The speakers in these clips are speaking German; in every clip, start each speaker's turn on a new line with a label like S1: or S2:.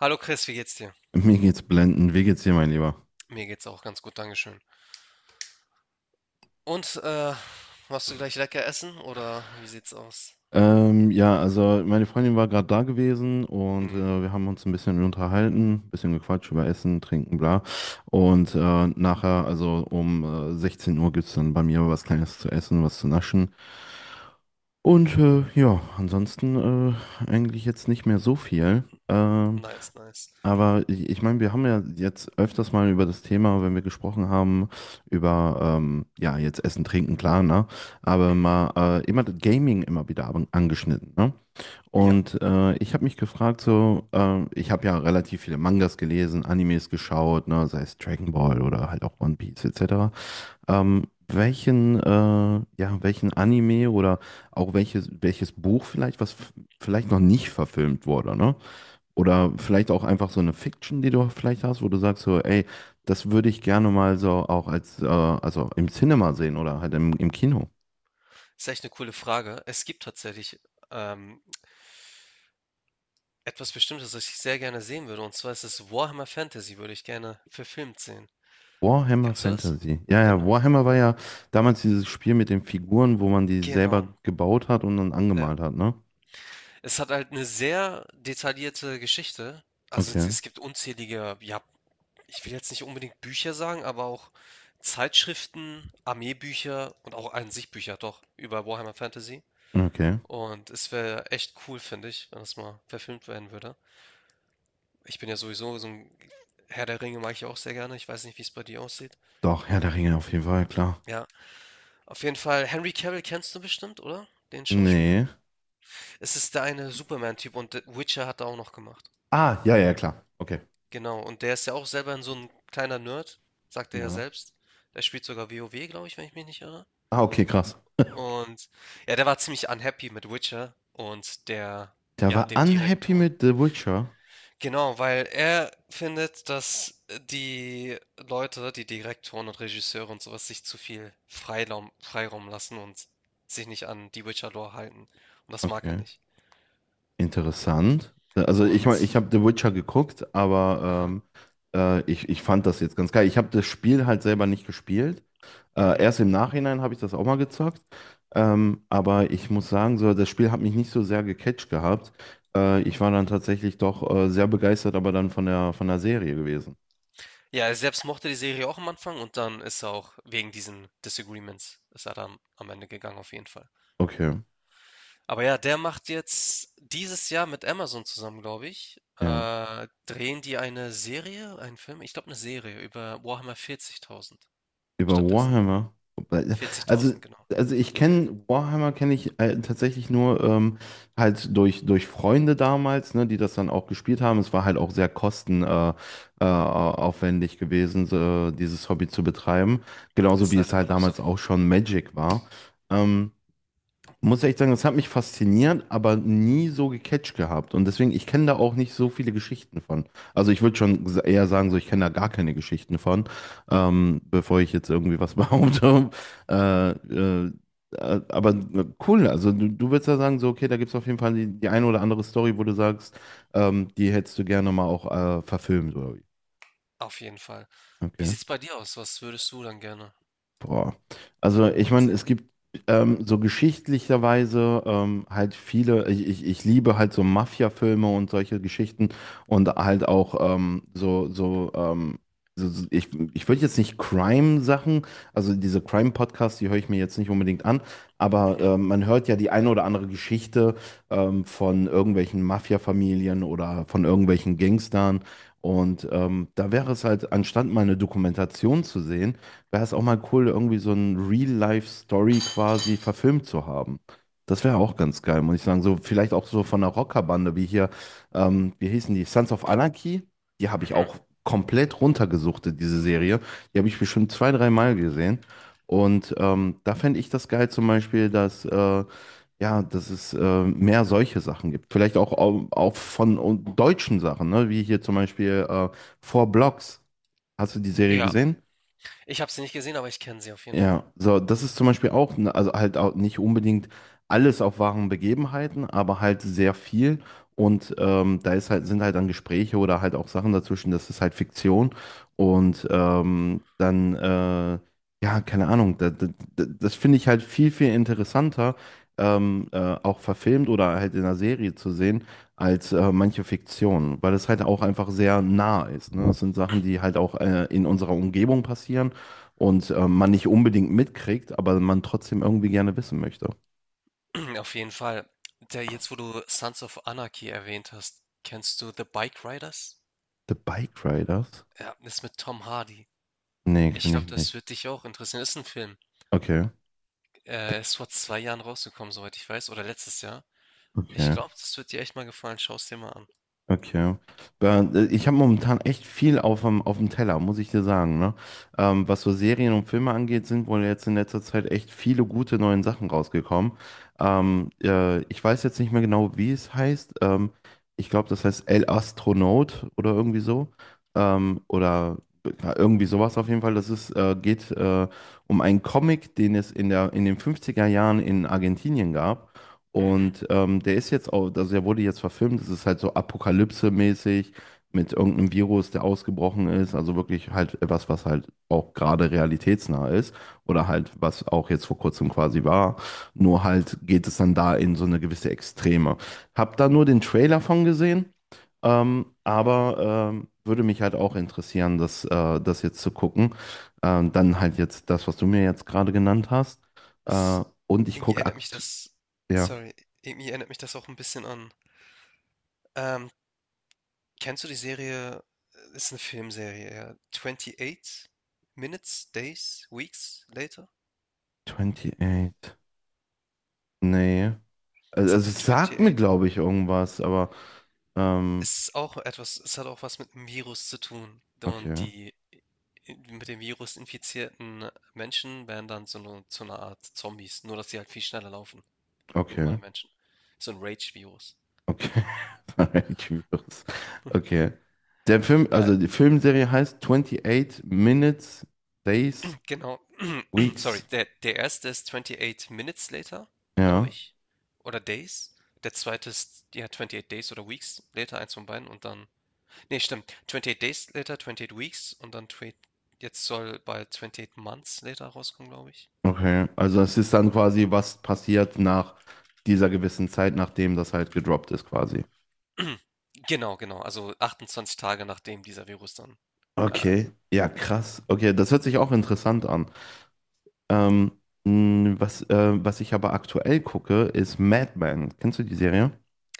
S1: Hallo Chris, wie geht's dir?
S2: Mir geht's blendend. Wie geht's dir, mein Lieber?
S1: Mir geht's auch ganz gut, Dankeschön. Und machst du gleich lecker essen oder wie sieht's aus?
S2: Ja, also meine Freundin war gerade da gewesen und
S1: Mhm,
S2: wir haben uns ein bisschen unterhalten, bisschen gequatscht über Essen, Trinken, bla. Und nachher, also um 16 Uhr gibt's dann bei mir was Kleines zu essen, was zu naschen. Und ja, ansonsten eigentlich jetzt nicht mehr so viel. Ähm,
S1: nice, nice.
S2: Aber ich meine, wir haben ja jetzt öfters mal über das Thema, wenn wir gesprochen haben, über, ja, jetzt Essen, Trinken, klar, ne? Aber
S1: Mhm,
S2: mal immer das Gaming immer wieder angeschnitten, ne?
S1: ja,
S2: Und ich habe mich gefragt, so, ich habe ja relativ viele Mangas gelesen, Animes geschaut, ne? Sei es Dragon Ball oder halt auch One Piece etc. Welchen Anime oder auch welches Buch vielleicht, vielleicht noch nicht verfilmt wurde, ne? Oder vielleicht auch einfach so eine Fiction, die du vielleicht hast, wo du sagst so, ey, das würde ich gerne mal so auch als, also im Cinema sehen oder halt im Kino.
S1: ist echt eine coole Frage. Es gibt tatsächlich ähm, etwas Bestimmtes, das ich sehr gerne sehen würde. Und zwar ist es Warhammer Fantasy, würde ich gerne verfilmt sehen.
S2: Warhammer
S1: Kennst du das?
S2: Fantasy. Ja, ja,
S1: Genau,
S2: Warhammer war ja damals dieses Spiel mit den Figuren, wo man die
S1: genau.
S2: selber gebaut hat und dann
S1: Ja.
S2: angemalt hat, ne?
S1: Es hat halt eine sehr detaillierte Geschichte. Also es
S2: Okay,
S1: es gibt unzählige, ja, ich will jetzt nicht unbedingt Bücher sagen, aber auch Zeitschriften, Armeebücher und auch an sich Bücher doch über Warhammer Fantasy.
S2: okay.
S1: Und es wäre echt cool, finde ich, wenn das mal verfilmt werden würde. Ich bin ja sowieso so ein Herr der Ringe mag ich auch sehr gerne. Ich weiß nicht, wie es bei dir aussieht.
S2: Doch, Herr der Ringe auf jeden Fall, klar.
S1: Ja, auf jeden Fall. Henry Cavill kennst du bestimmt, oder? Den Schauspieler.
S2: Nee.
S1: Es ist der eine Superman-Typ und The Witcher hat er auch noch gemacht.
S2: Ah, ja, ja, klar. Okay.
S1: Genau, und der ist ja auch selber so ein kleiner Nerd, sagt er ja
S2: Ja.
S1: selbst. Der spielt sogar WoW, glaube ich, wenn ich mich nicht irre.
S2: Ah, okay, krass.
S1: Und ja, der war ziemlich unhappy mit Witcher und der,
S2: Der
S1: ja,
S2: war
S1: dem
S2: unhappy
S1: Direktor.
S2: mit The Witcher.
S1: Genau, weil er findet, dass die Leute, die Direktoren und Regisseure und sowas, sich zu viel Freiraum lassen und sich nicht an die Witcher-Lore halten. Und das mag er
S2: Okay.
S1: nicht.
S2: Interessant. Also ich meine, ich
S1: Und,
S2: habe The Witcher geguckt, aber
S1: aha,
S2: ich fand das jetzt ganz geil. Ich habe das Spiel halt selber nicht gespielt.
S1: mhm.
S2: Erst im Nachhinein habe ich das auch mal gezockt. Aber ich muss sagen, so, das Spiel hat mich nicht so sehr gecatcht gehabt. Ich war dann tatsächlich doch sehr begeistert, aber dann von der Serie gewesen.
S1: Ja, er selbst mochte die Serie auch am Anfang und dann ist er auch wegen diesen Disagreements, ist er dann am Ende gegangen, auf jeden Fall.
S2: Okay.
S1: Aber ja, der macht jetzt dieses Jahr mit Amazon zusammen, glaube ich,
S2: Ja.
S1: drehen die eine Serie, einen Film, ich glaube eine Serie über Warhammer 40.000
S2: Über
S1: stattdessen.
S2: Warhammer. Also,
S1: 40.000, genau.
S2: also ich kenne Warhammer kenne ich tatsächlich nur halt durch Freunde damals, ne, die das dann auch gespielt haben. Es war halt auch sehr kosten aufwendig gewesen, so, dieses Hobby zu betreiben. Genauso
S1: Ist
S2: wie
S1: leider
S2: es
S1: immer
S2: halt
S1: noch so.
S2: damals auch schon Magic war. Ähm, Muss echt sagen, das hat mich fasziniert, aber nie so gecatcht gehabt. Und deswegen, ich kenne da auch nicht so viele Geschichten von. Also ich würde schon eher sagen, so ich kenne da gar keine Geschichten von, bevor ich jetzt irgendwie was behaupte. Äh, äh, cool, also du würdest ja sagen, so, okay, da gibt es auf jeden Fall die eine oder andere Story, wo du sagst, die hättest du gerne mal auch verfilmt, oder wie?
S1: Auf jeden Fall. Wie
S2: Okay.
S1: sieht's bei dir aus? Was würdest du dann gerne
S2: Boah. Also ich meine, es
S1: sehen?
S2: gibt so geschichtlicherweise halt viele, ich liebe halt so Mafia-Filme und solche Geschichten und halt auch so, so ich, ich würde jetzt nicht Crime-Sachen, also diese Crime-Podcasts, die höre ich mir jetzt nicht unbedingt an, aber
S1: Mhm.
S2: man hört ja die eine oder andere Geschichte von irgendwelchen Mafia-Familien oder von irgendwelchen Gangstern und da wäre es halt, anstatt mal eine Dokumentation zu sehen, wäre es auch mal cool, irgendwie so ein Real-Life-Story quasi verfilmt zu haben. Das wäre auch ganz geil, muss ich sagen. So, vielleicht auch so von einer Rockerbande wie hier, wie hießen die? Sons of Anarchy. Die habe ich
S1: Mhm.
S2: auch komplett runtergesuchtet, diese Serie. Die habe ich bestimmt zwei, dreimal gesehen. Und da fände ich das geil zum Beispiel, dass es mehr solche Sachen gibt. Vielleicht auch, auch von deutschen Sachen, ne? Wie hier zum Beispiel Four Blocks. Hast du die Serie
S1: Ja,
S2: gesehen?
S1: ich habe sie nicht gesehen, aber ich kenne sie auf jeden Fall.
S2: Ja, so, das ist zum Beispiel auch, ne, also halt auch nicht unbedingt alles auf wahren Begebenheiten, aber halt sehr viel. Und sind halt dann Gespräche oder halt auch Sachen dazwischen, das ist halt Fiktion. Und ja, keine Ahnung, das finde ich halt viel, viel interessanter, ähm, äh, auch verfilmt oder halt in einer Serie zu sehen, als manche Fiktion, weil es halt auch einfach sehr nah ist. Ne? Das sind Sachen, die halt auch in unserer Umgebung passieren und man nicht unbedingt mitkriegt, aber man trotzdem irgendwie gerne wissen möchte.
S1: Auf jeden Fall. Der, jetzt, wo du Sons of Anarchy erwähnt hast, kennst du The Bike Riders?
S2: The Bike Riders?
S1: Ja, ist mit Tom Hardy.
S2: Nee,
S1: Ich
S2: kenne
S1: glaube,
S2: ich
S1: das
S2: nicht.
S1: wird dich auch interessieren. Ist ein Film.
S2: Okay,
S1: Ist vor 2 Jahren rausgekommen, soweit ich weiß, oder letztes Jahr. Ich
S2: okay.
S1: glaube, das wird dir echt mal gefallen. Schau es dir mal an.
S2: Okay. Ben, ich habe momentan echt viel auf dem Teller, muss ich dir sagen, ne? Was so Serien und Filme angeht, sind wohl jetzt in letzter Zeit echt viele gute neuen Sachen rausgekommen.
S1: Mhm,
S2: Ich weiß jetzt nicht mehr genau, wie es heißt. Ich glaube, das heißt El Astronaut oder irgendwie so. Oder ja, irgendwie sowas auf jeden Fall. Das geht um einen Comic, den es in den 50er Jahren in Argentinien gab.
S1: mhm.
S2: Und der ist jetzt auch, also der wurde jetzt verfilmt, es ist halt so Apokalypse-mäßig mit irgendeinem Virus, der ausgebrochen ist, also wirklich halt etwas, was halt auch gerade realitätsnah ist oder halt was auch jetzt vor kurzem quasi war, nur halt geht es dann da in so eine gewisse Extreme. Hab da nur den Trailer von gesehen, aber würde mich halt auch interessieren, das jetzt zu gucken. Dann halt jetzt das, was du mir jetzt gerade genannt hast.
S1: Es
S2: Und ich
S1: irgendwie
S2: gucke
S1: erinnert mich
S2: akt
S1: das
S2: ja.
S1: sorry, Irgendwie erinnert mich das auch ein bisschen an ähm, kennst du die Serie ist eine Filmserie, ja, „28 Minutes, Days, Weeks Later“?
S2: 28. Nee.
S1: Es hat
S2: Also
S1: mit
S2: es sagt mir,
S1: „28“
S2: glaube ich, irgendwas, aber ähm,
S1: es ist auch etwas, es hat auch was mit einem Virus zu tun und
S2: okay,
S1: die mit dem Virus infizierten Menschen werden dann so eine zu 'ner Art Zombies, nur dass sie halt viel schneller laufen wie
S2: okay,
S1: normale Menschen. So ein Rage-Virus.
S2: okay. Alright, schwierig. Okay. Der Film,
S1: Ja,
S2: also die Filmserie heißt 28 Minutes, Days,
S1: genau. Sorry.
S2: Weeks.
S1: Der erste ist „28 Minutes Later“, glaube
S2: Ja,
S1: ich, oder „Days“. Der zweite ist, ja, „28 Days“ oder „Weeks Later“, eins von beiden und dann ne, stimmt, „28 Days Later“, „28 Weeks“ und dann twe jetzt soll bald „28 Months Later“ rauskommen, glaube ich.
S2: okay. Also es ist dann quasi, was passiert nach dieser gewissen Zeit, nachdem das halt gedroppt ist, quasi.
S1: Genau, genau. Also 28 Tage, nachdem dieser Virus dann äh,
S2: Okay. Ja, krass. Okay, das hört sich auch interessant an. Ähm, was ich aber aktuell gucke, ist Mad Men. Kennst du die Serie?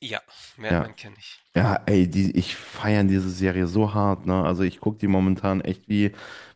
S1: ja, Mad
S2: Ja.
S1: kenne ich.
S2: Ja, ey, ich feiere diese Serie so hart, ne? Also ich gucke die momentan echt wie,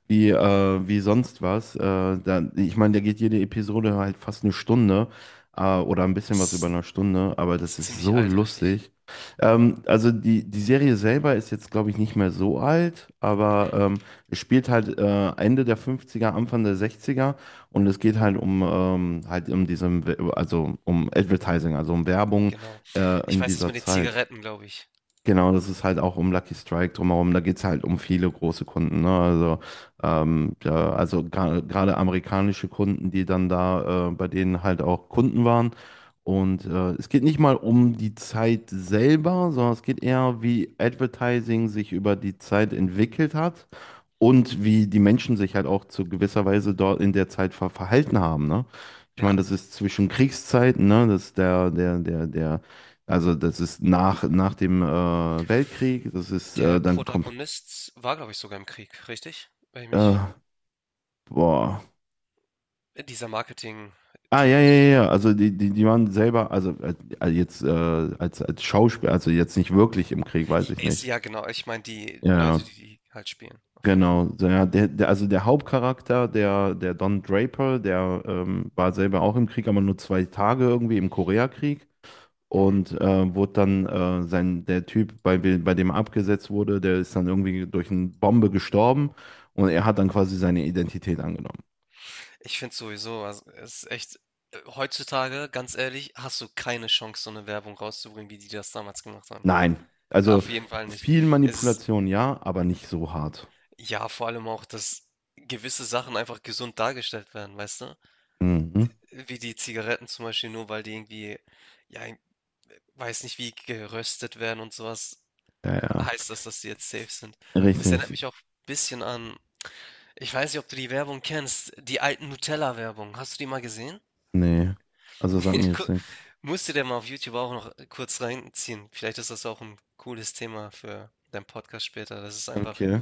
S2: wie, äh, wie sonst was. Ich meine, da geht jede Episode halt fast eine Stunde, oder ein bisschen was über
S1: Ist
S2: eine Stunde, aber das ist
S1: ziemlich
S2: so
S1: alt, richtig.
S2: lustig. Also die Serie selber ist jetzt, glaube ich, nicht mehr so alt, aber
S1: Mhm,
S2: es spielt halt Ende der fünfziger Anfang der sechziger und es geht halt um also um Advertising, also um Werbung
S1: genau. Ich
S2: in
S1: weiß das
S2: dieser
S1: mit den
S2: Zeit.
S1: Zigaretten, glaube ich.
S2: Genau, das ist halt auch um Lucky Strike drumherum. Da geht's halt um viele große Kunden. Ne? Also, ja, also gerade amerikanische Kunden, die dann da bei denen halt auch Kunden waren. Und es geht nicht mal um die Zeit selber, sondern es geht eher, wie Advertising sich über die Zeit entwickelt hat und wie die Menschen sich halt auch zu gewisser Weise dort in der Zeit verhalten haben. Ne? Ich
S1: Ja,
S2: meine, das ist zwischen Kriegszeiten, ne? Das ist der, der, der, der also das ist nach dem Weltkrieg, das ist
S1: der
S2: dann kommt
S1: Protagonist war, glaube ich, sogar im Krieg, richtig? Weil ich
S2: äh,
S1: mich
S2: boah.
S1: dieser
S2: Ah, ja,
S1: Marketing-Dude.
S2: ja, ja, ja, also die waren selber, also jetzt als Schauspieler, also jetzt nicht wirklich im Krieg, weiß ich
S1: Ist
S2: nicht.
S1: ja genau, ich meine die
S2: Ja,
S1: Leute,
S2: ja,
S1: die die halt spielen, auf jeden Fall.
S2: genau. So, ja, also der Hauptcharakter, der Don Draper, der war selber auch im Krieg, aber nur 2 Tage irgendwie im Koreakrieg.
S1: Mhm.
S2: Und der Typ, bei dem er abgesetzt wurde, der ist dann irgendwie durch eine Bombe gestorben und er hat dann quasi seine Identität angenommen.
S1: Ich finde sowieso, also, es ist echt heutzutage, ganz ehrlich, hast du keine Chance, so eine Werbung rauszubringen, wie die das damals gemacht haben.
S2: Nein, also
S1: Auf jeden Fall nicht.
S2: viel
S1: Es ist
S2: Manipulation, ja, aber nicht so hart.
S1: ja vor allem auch, dass gewisse Sachen einfach gesund dargestellt werden, weißt du?
S2: Mhm.
S1: Wie die Zigaretten zum Beispiel, nur weil die irgendwie, ja, ich weiß nicht, wie geröstet werden und sowas,
S2: Ja,
S1: heißt das, dass die jetzt safe sind.
S2: ja,
S1: Es erinnert
S2: richtig.
S1: mich auch ein bisschen an, ich weiß nicht, ob du die Werbung kennst, die alten Nutella-Werbung. Hast du die mal gesehen?
S2: Nee, also sagt mir jetzt
S1: Gu-
S2: nichts.
S1: Musst du dir mal auf YouTube auch noch kurz reinziehen. Vielleicht ist das auch ein cooles Thema für deinen Podcast später. Das ist einfach,
S2: Okay.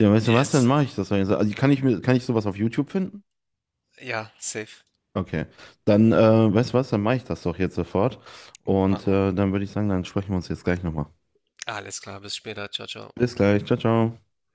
S2: Ja, weißt du was, dann
S1: das,
S2: mache ich das doch jetzt. Also kann ich sowas auf YouTube finden?
S1: ja, safe.
S2: Okay. Dann, weißt du was, dann mache ich das doch jetzt sofort.
S1: Mach
S2: Und
S1: mal.
S2: dann würde ich sagen, dann sprechen wir uns jetzt gleich nochmal.
S1: Alles klar, bis später. Ciao, ciao.
S2: Bis gleich. Ciao, ciao.